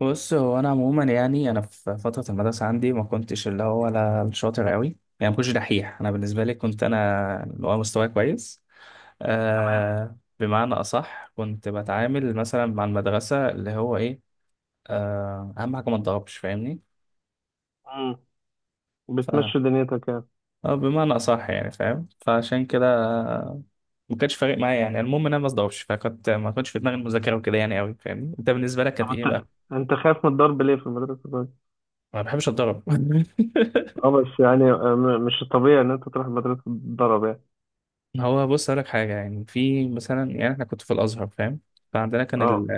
بص هو انا عموما، يعني انا في فتره المدرسه عندي ما كنتش اللي هو ولا شاطر قوي. يعني ما كنتش دحيح. انا بالنسبه لي كنت انا اللي هو مستواي كويس. تمام. بمعنى اصح كنت بتعامل مثلا مع المدرسه اللي هو ايه. اهم حاجه ما اتضربش، فاهمني؟ امم ف بتمشي دنيتك يعني. بمعنى اصح يعني فاهم، فعشان كده آه، ما كانش فارق معايا. يعني المهم ان انا ما اتضربش، فكنت ما كنتش في دماغي المذاكره وكده يعني قوي. فاهمني، انت بالنسبه لك طب كانت ايه بقى؟ انت خايف من الضرب ليه في مدرسة الضرب؟ ما بحبش اتضرب. اه بس يعني مش الطبيعي ان انت تروح مدرسة الضرب يعني. هو بص أقول لك حاجة، يعني في مثلا يعني إحنا كنت في الأزهر، فاهم؟ فعندنا كان اه.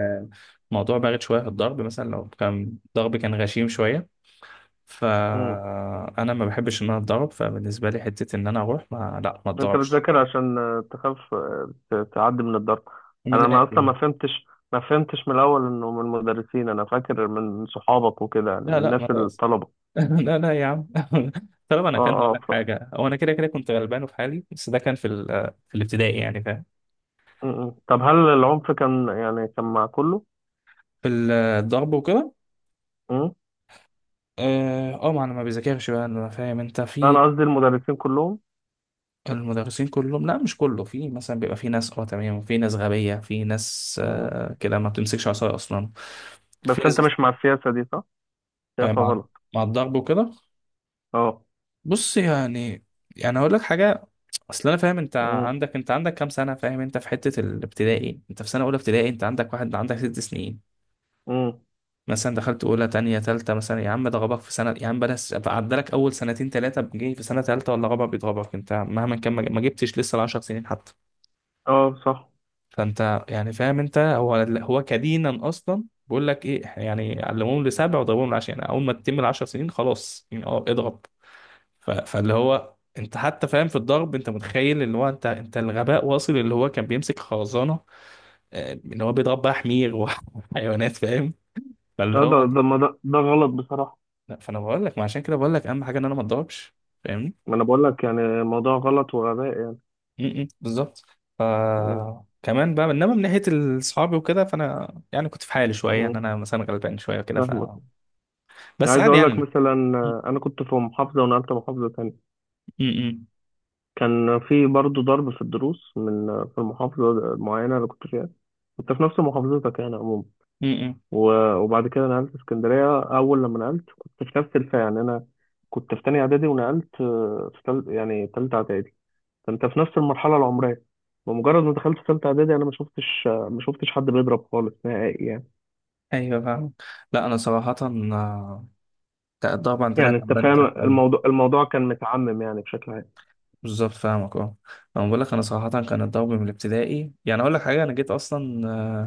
الموضوع بارد شوية في الضرب. مثلا لو كان ضرب كان غشيم شوية، امم فأنا ما بحبش إن أنا أتضرب. فبالنسبة لي حتة إن أنا أروح ما لا ما انت أتضربش بتذاكر عشان تخاف، تعدي من الضرب. من انا ما اصلا الآخر. ما فهمتش ما فهمتش من الاول انه من المدرسين، انا فاكر من صحابك وكده يعني، من لا لا ما الناس تقص. الطلبة. لا لا يا عم. طالما أنا اه كان هقول اه لك ف... حاجة، هو أنا كده كده كنت غلبان وفي حالي، بس ده كان في الابتدائي يعني، فاهم؟ م- م. طب هل العنف كان يعني كان مع كله؟ في الضرب وكده. امم اه، ما انا ما بذاكرش بقى انا، فاهم انت؟ في انا قصدي المدرسين كلهم. المدرسين كلهم، لا مش كله. في مثلا بيبقى في ناس اه تمام، وفي ناس غبية، في ناس امم. كده ما بتمسكش عصاية أصلا. بس في انت ناس مش مع السياسة دي، صح؟ شايفها مع غلط. مع الضرب وكده. اه. بص يعني، يعني هقول لك حاجة. أصل أنا فاهم، أنت امم. عندك كام سنة؟ فاهم، أنت في حتة الابتدائي، أنت في سنة أولى ابتدائي، أنت عندك واحد، عندك ست سنين. امم. مثلا دخلت أولى، تانية، تالتة، مثلا يا عم ده غبك في سنة. يا عم بلاش، عدالك أول سنتين تلاتة، جاي في سنة تالتة ولا غبك بيتغبك، أنت مهما كان ما جبتش لسه العشر سنين حتى. اه صح. فانت يعني فاهم انت هو، هو كدينا اصلا بيقول لك ايه، إحنا يعني علموهم لسبع وضربوهم لعشرة. يعني اول ما تتم العشر سنين خلاص يعني اه اضرب. ف- فاللي هو انت حتى فاهم في الضرب، انت متخيل اللي هو انت الغباء واصل اللي هو كان بيمسك خرزانه، اللي هو بيضرب بقى حمير وحيوانات. فاهم؟ فاللي اه ده هو ده ما ده, ده غلط بصراحة. لا. فانا بقول لك ما عشان كده بقول لك اهم حاجه ان انا ما اتضربش، فاهمني؟ ما انا بقول لك يعني الموضوع غلط وغباء يعني. م- م، بالظبط. ف امم. كمان بقى، انما من ناحيه اصحابي وكده، فانا يعني كنت في حالي شويه، ان امم. انا مثلا غلبان شويه وكده. فاهمك. يعني بس عايز عادي لا اقول لك يعني. مثلا، م- انا كنت في محافظة ونقلت محافظة تانية. م- كان في برضه ضرب في الدروس من آه، في المحافظة المعينة اللي كنت فيها. كنت في نفس محافظتك يعني عموما. م- م- وبعد كده نقلت اسكندرية. أول لما نقلت كنت في نفس الفئة، يعني أنا كنت في تانية إعدادي ونقلت يعني تالتة إعدادي، فانت في نفس المرحله العمريه. بمجرد ما دخلت ثالثه اعدادي، انا ما شفتش حد بيضرب خالص نهائي يعني. ايوه فاهم. لا انا صراحه، الضرب عندنا يعني كان انت بان فاهم تحت أوي. الموضوع، الموضوع كان متعمم يعني بشكل عام. بالظبط فاهمك، اه. انا بقول لك انا صراحه كان الضرب من الابتدائي، يعني اقول لك حاجه، انا جيت اصلا،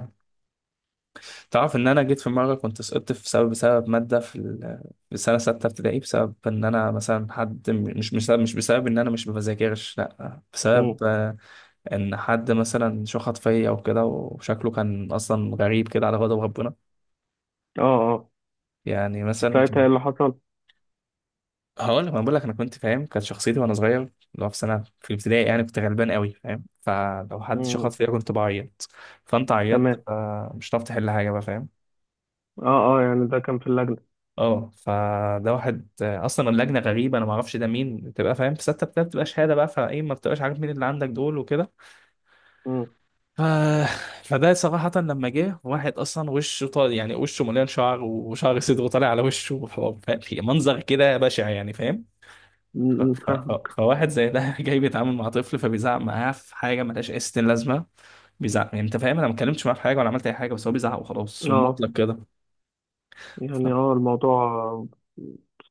تعرف ان انا جيت في مره كنت سقطت في سبب بسبب ماده في السنه سته ابتدائي، بسبب ان انا مثلا حد، مش بسبب، مش بسبب ان انا مش بذاكرش، لا، امم. بسبب ان حد مثلا شخط فيا او كده، وشكله كان اصلا غريب كده على غضب ربنا اه اه. يعني مثلا. ساعتها إيه اللي حصل؟ هقول لك، انا بقول لك انا كنت فاهم، كانت شخصيتي وانا صغير، لو في سنه في الابتدائي يعني كنت غلبان قوي، فاهم؟ فلو حد شخط امم. فيا كنت بعيط. فانت عيطت، تمام. مش هتعرف تحل حاجه بقى، فاهم؟ اه اه يعني ده كان في اللجنه. اه، فده واحد، اصلا اللجنه غريبه، انا ما اعرفش ده مين، بتبقى فاهم في سته ابتدائي بتبقى شهاده بقى، فايه ما بتبقاش عارف مين اللي عندك دول وكده. امم. ف... فده صراحه لما جه واحد، اصلا وشه طالع يعني، وشه مليان شعر وشعر صدره طالع على وشه وحوار، فاهم؟ منظر كده بشع يعني، فاهم؟ أمم، فاهم. فواحد زي ده جاي بيتعامل مع طفل، فبيزعق معاه في حاجه ملهاش اي ستين لازمه. بيزعق يعني، انت فاهم انا ما اتكلمتش معاه في حاجه ولا عملت اي حاجه، بس هو بيزعق وخلاص في اه المطلق كده. يعني ف- اه الموضوع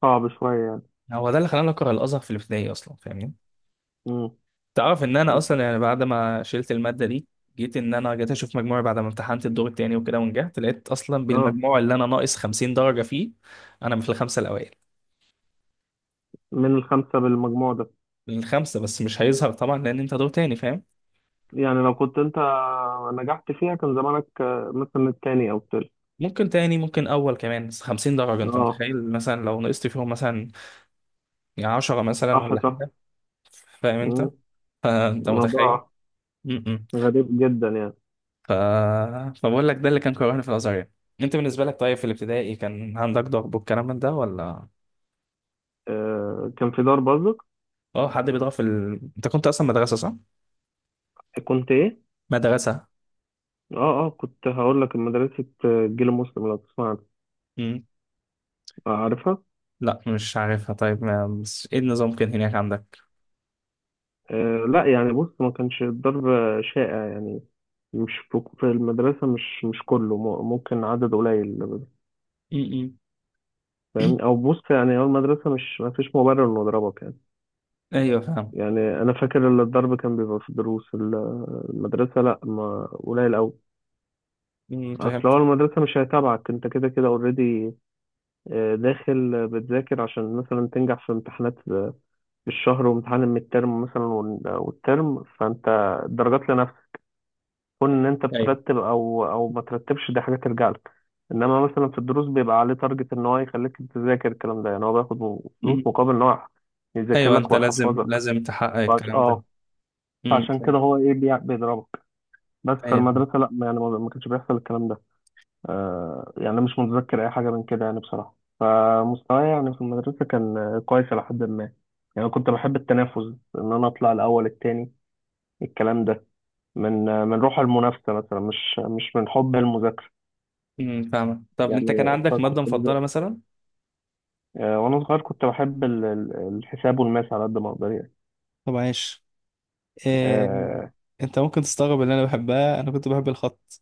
صعب شويه يعني. هو ده اللي خلاني اكره الازهر في الابتدائي اصلا، فاهمني؟ امم. تعرف ان انا اصلا يعني بعد ما شلت الماده دي، جيت ان انا جيت اشوف مجموعي بعد ما امتحنت الدور التاني وكده ونجحت، لقيت اصلا اه. بالمجموع اللي انا ناقص 50 درجه فيه، انا في الخمسه الاوائل. من الخمسه بالمجموع ده؟ الخمسه بس مش هيظهر طبعا لان انت دور تاني، فاهم؟ يعني لو كنت انت نجحت فيها كان زمانك، مثلا التاني او التالت. ممكن تاني، ممكن اول كمان. بس 50 درجه انت اه متخيل مثلا لو نقصت فيهم مثلا يعني عشرة مثلا صح ولا صح. حاجة، فاهم انت؟ مم. فانت متخيل. موضوع م- م. غريب جدا يعني. ف... فبقول لك ده اللي كان كرهني في الازهر يعني. انت بالنسبة لك طيب في الابتدائي كان عندك ضغط والكلام من ده ولا؟ آه، كان في دار برضك. اه حد بيضغط انت كنت اصلا مدرسة صح؟ كنت ايه؟ مدرسة. اه اه كنت هقول لك مدرسة جيل مسلم، لو تسمع عنها. م. عارفها؟ لا مش عارفها. طيب ما... بس ايه النظام كان هناك عندك؟ آه لا يعني بص، ما كانش الضرب شائع يعني، مش في في المدرسة، مش كله، ممكن عدد قليل. م- م. فاهمني؟ او بص يعني، هو المدرسة مش، ما فيش مبرر انه يضربك يعني. ايوه فاهم. يعني انا فاكر ان الضرب كان بيبقى في المدرسة لا، ما قليل قوي. م، اصل هو فهمت. المدرسة مش هيتابعك، انت كده كده اوريدي داخل بتذاكر عشان مثلا تنجح في امتحانات الشهر وامتحان المترم مثلا والترم، فانت درجات لنفسك. كون ان انت ايوه. بترتب او ما ترتبش دي حاجه ترجع لك. انما مثلا في الدروس بيبقى عليه تارجت ان هو يخليك تذاكر الكلام ده، يعني هو بياخد فلوس م. مقابل ان هو يذاكر ايوه لك انت لازم ويحفظك. لازم تحقق الكلام ده. اه، م. عشان كده هو ايه بيضربك. بس في ايوه فاهم. المدرسه لا، يعني ما كانش بيحصل الكلام ده. يعني أنا مش متذكر أي حاجة من كده يعني بصراحة. فمستواي يعني في المدرسة كان كويس إلى حد ما. يعني كنت بحب التنافس، إن أنا أطلع الأول التاني، الكلام ده، من روح المنافسة مثلا، مش من حب المذاكرة م، فاهمك. طب انت كان يعني، عندك فكنت مادة مفضلة بذاكر. مثلا؟ وأنا صغير كنت بحب الحساب والماس على قد ما أقدر يعني. طب عاش. إيه، آه انت ممكن تستغرب اللي انا بحبها، انا كنت بحب الخط.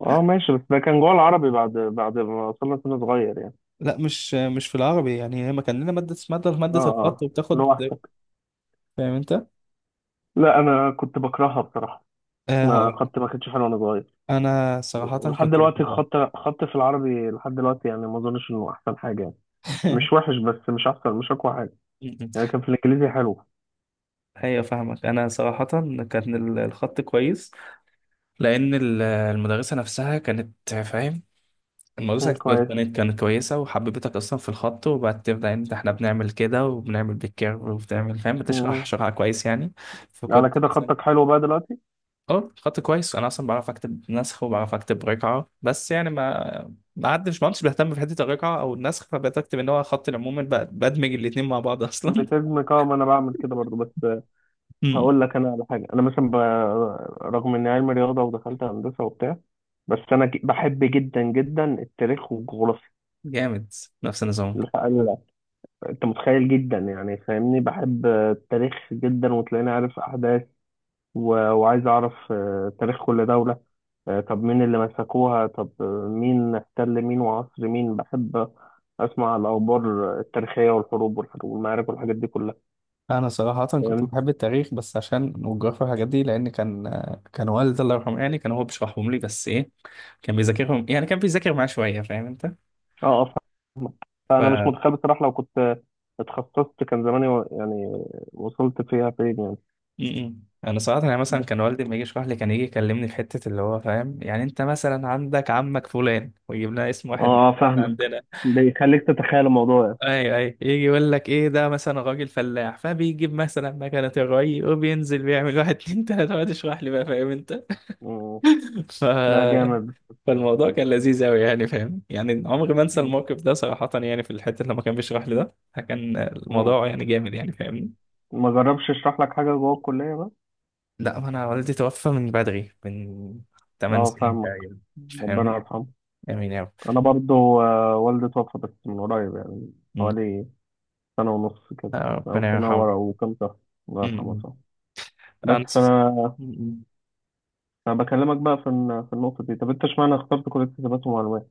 ماشي، بس ده كان جوه العربي بعد ما وصلنا سن صغير يعني. لا مش في العربي، يعني هي ما كان لنا ماده اسمها ماده آه. مادة الخط آه. وبتاخد، لوحدك؟ فاهم انت؟ لا أنا كنت بكرهها بصراحة. أه ما هقول لك، خدت ما كنتش حلوة وأنا صغير. انا صراحه ولحد كنت دلوقتي بحبها. الخط، خط في العربي لحد دلوقتي يعني ما اظنش انه احسن حاجه يعني. مش وحش، بس مش احسن، مش اقوى حاجه. يعني كان في الانجليزي حلو. ايوه فاهمك. انا صراحه كان الخط كويس، لان المدرسه نفسها كانت فاهم. المدرسه مم، كويس. كانت كويسه، وحببتك اصلا في الخط، وبعد تبدا انت احنا بنعمل كده وبنعمل بالكيرف وبتعمل، فاهم؟ بتشرح مم. شرح كويس يعني. على فكنت كده مثلا خطك حلو بقى دلوقتي. اه خط كويس، انا اصلا بعرف اكتب نسخ وبعرف اكتب رقعه، بس يعني ما عدتش، ما كنتش بهتم في حته الرقعه او النسخ، فبقيت اكتب ان هو خط العموم بدمج الاتنين مع بعض اصلا. بتهجمك؟ اه ما انا بعمل كده برضو، بس أمم. هقول لك انا على حاجه. انا مثلا رغم اني علمي رياضه ودخلت هندسه وبتاع، بس انا بحب جدا جدا التاريخ والجغرافيا، جامد. نفس النظام. الحقيقة. انت متخيل جدا يعني، فاهمني؟ بحب التاريخ جدا وتلاقيني عارف احداث و... وعايز اعرف تاريخ كل دوله. طب مين اللي مسكوها، طب مين احتل مين وعصر مين. بحب اسمع الاخبار التاريخيه والحروب والمعارك والحاجات دي كلها. انا صراحه كنت فاهمني. بحب التاريخ بس عشان، والجغرافيا والحاجات دي، لان كان كان والدي الله يرحمه يعني كان هو بيشرحهم لي. بس ايه، كان بيذاكرهم، يعني كان بيذاكر معاه شويه، فاهم انت؟ اه فانا مش متخيل بصراحه، لو كنت اتخصصت كان زماني يعني وصلت فيها فين يعني. م-م. انا صراحه يعني مثلا كان والدي لما يجي يشرح لي كان يجي يكلمني في حته اللي هو فاهم، يعني انت مثلا عندك عمك فلان، ويجيب لنا اسم واحد من اه الناس فاهمك. عندنا. بيخليك تتخيل الموضوع يعني. اي اي يجي يقول لك ايه ده، مثلا راجل فلاح، فبيجيب مثلا مكنه الري، وبينزل بيعمل واحد اتنين تلاته، وقعد يشرح لي بقى، فاهم انت؟ مم. ف... لا جامد. فالموضوع كان لذيذ قوي يعني، فاهم؟ يعني عمري ما انسى مم. الموقف ده صراحه، يعني في الحته لما كان بيشرح لي ده كان مم. الموضوع يعني جامد يعني، فاهمني؟ ما جربش اشرح لك حاجه جوه الكليه بقى. لا انا والدي توفى من بدري، من 8 اه سنين فاهمك. تقريبا، ربنا فاهم؟ يرحمه. جميل أوي. انا برضو والدي توفى، بس من قريب يعني، أمم. حوالي سنة ونص كده، آه، أو ربنا سنة يرحمه. ورا وكام شهر. الله يرحمه أمم. صح. بس أنا فأنا، أمم. أنا بكلمك بقى في في النقطة دي. طب أنت اشمعنى اخترت كلية حسابات ومعلومات؟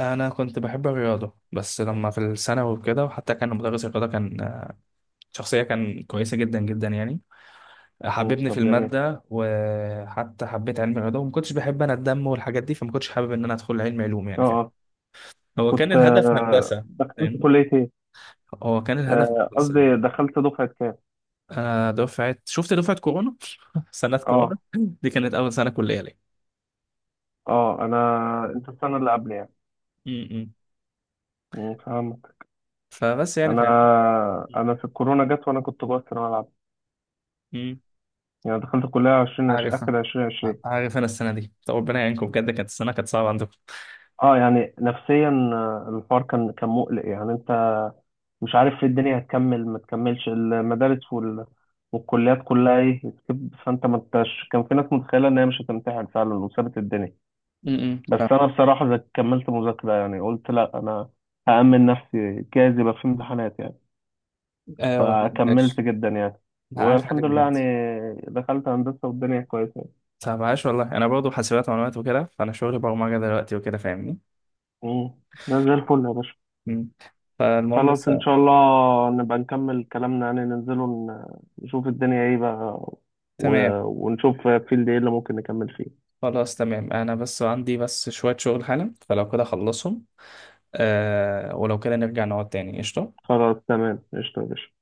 أنا كنت بحب الرياضة، بس لما في الثانوي وكده، وحتى كان مدرس الرياضة كان شخصية كان كويسة جدا جدا يعني، مم، حببني في طب جميل. المادة وحتى حبيت علم الرياضة. وما كنتش بحب أنا الدم والحاجات دي، فما كنتش حابب إن أنا أدخل علم علوم أه يعني، فاهم؟ أه. هو كان كنت الهدف هندسة. دخلت فاهمني، كلية إيه؟ هو كان الهدف هندسة. قصدي دخلت دفعة كام؟ آه دفعة، شفت دفعة كورونا. سنة كورونا. أه دي كانت أول سنة كلية ليا. أه. أنا، أنت السنة اللي قبل يعني. أمم. مم، فهمت. فبس يعني، أنا فاهم؟ أنا في الكورونا جت وأنا كنت جوه الثانوية العامة. يعني دخلت الكلية 20 عارف، آخر 2020. عارف انا السنه دي. طب ربنا يعينكم بجد، كانت السنه كانت صعبه عندكم. أه يعني نفسيا، الحوار كان مقلق يعني. أنت مش عارف الدنيا هتكمل ما تكملش، المدارس والكليات كلها ايه سكيب. فانت ما انتش، كان في ناس متخيله ان هي مش هتمتحن فعلا وسابت الدنيا. بس فاهم. انا بصراحه كملت مذاكره يعني. قلت لا، انا هأمن نفسي، جايز يبقى في امتحانات يعني. ايوه، لا فكملت ماشي. جدا يعني. لا عاش والحمد عليك لله بجد. يعني دخلت هندسه والدنيا كويسه يعني. طب عاش والله، انا برضه حاسبات ومعلومات وكده، فانا شغلي برمجه دلوقتي وكده، فاهمني؟ مم. ده زي الفل يا باشا. امم. فالمهم خلاص بس، ان شاء الله نبقى نكمل كلامنا يعني، ننزله، نشوف الدنيا ايه بقى و... تمام. ونشوف فيلد ايه اللي ممكن نكمل فيه. خلاص تمام، انا بس عندي بس شويه شغل حالا، فلو كده اخلصهم. آه ولو كده نرجع نقعد تاني قشطه. خلاص تمام، قشطة يا باشا.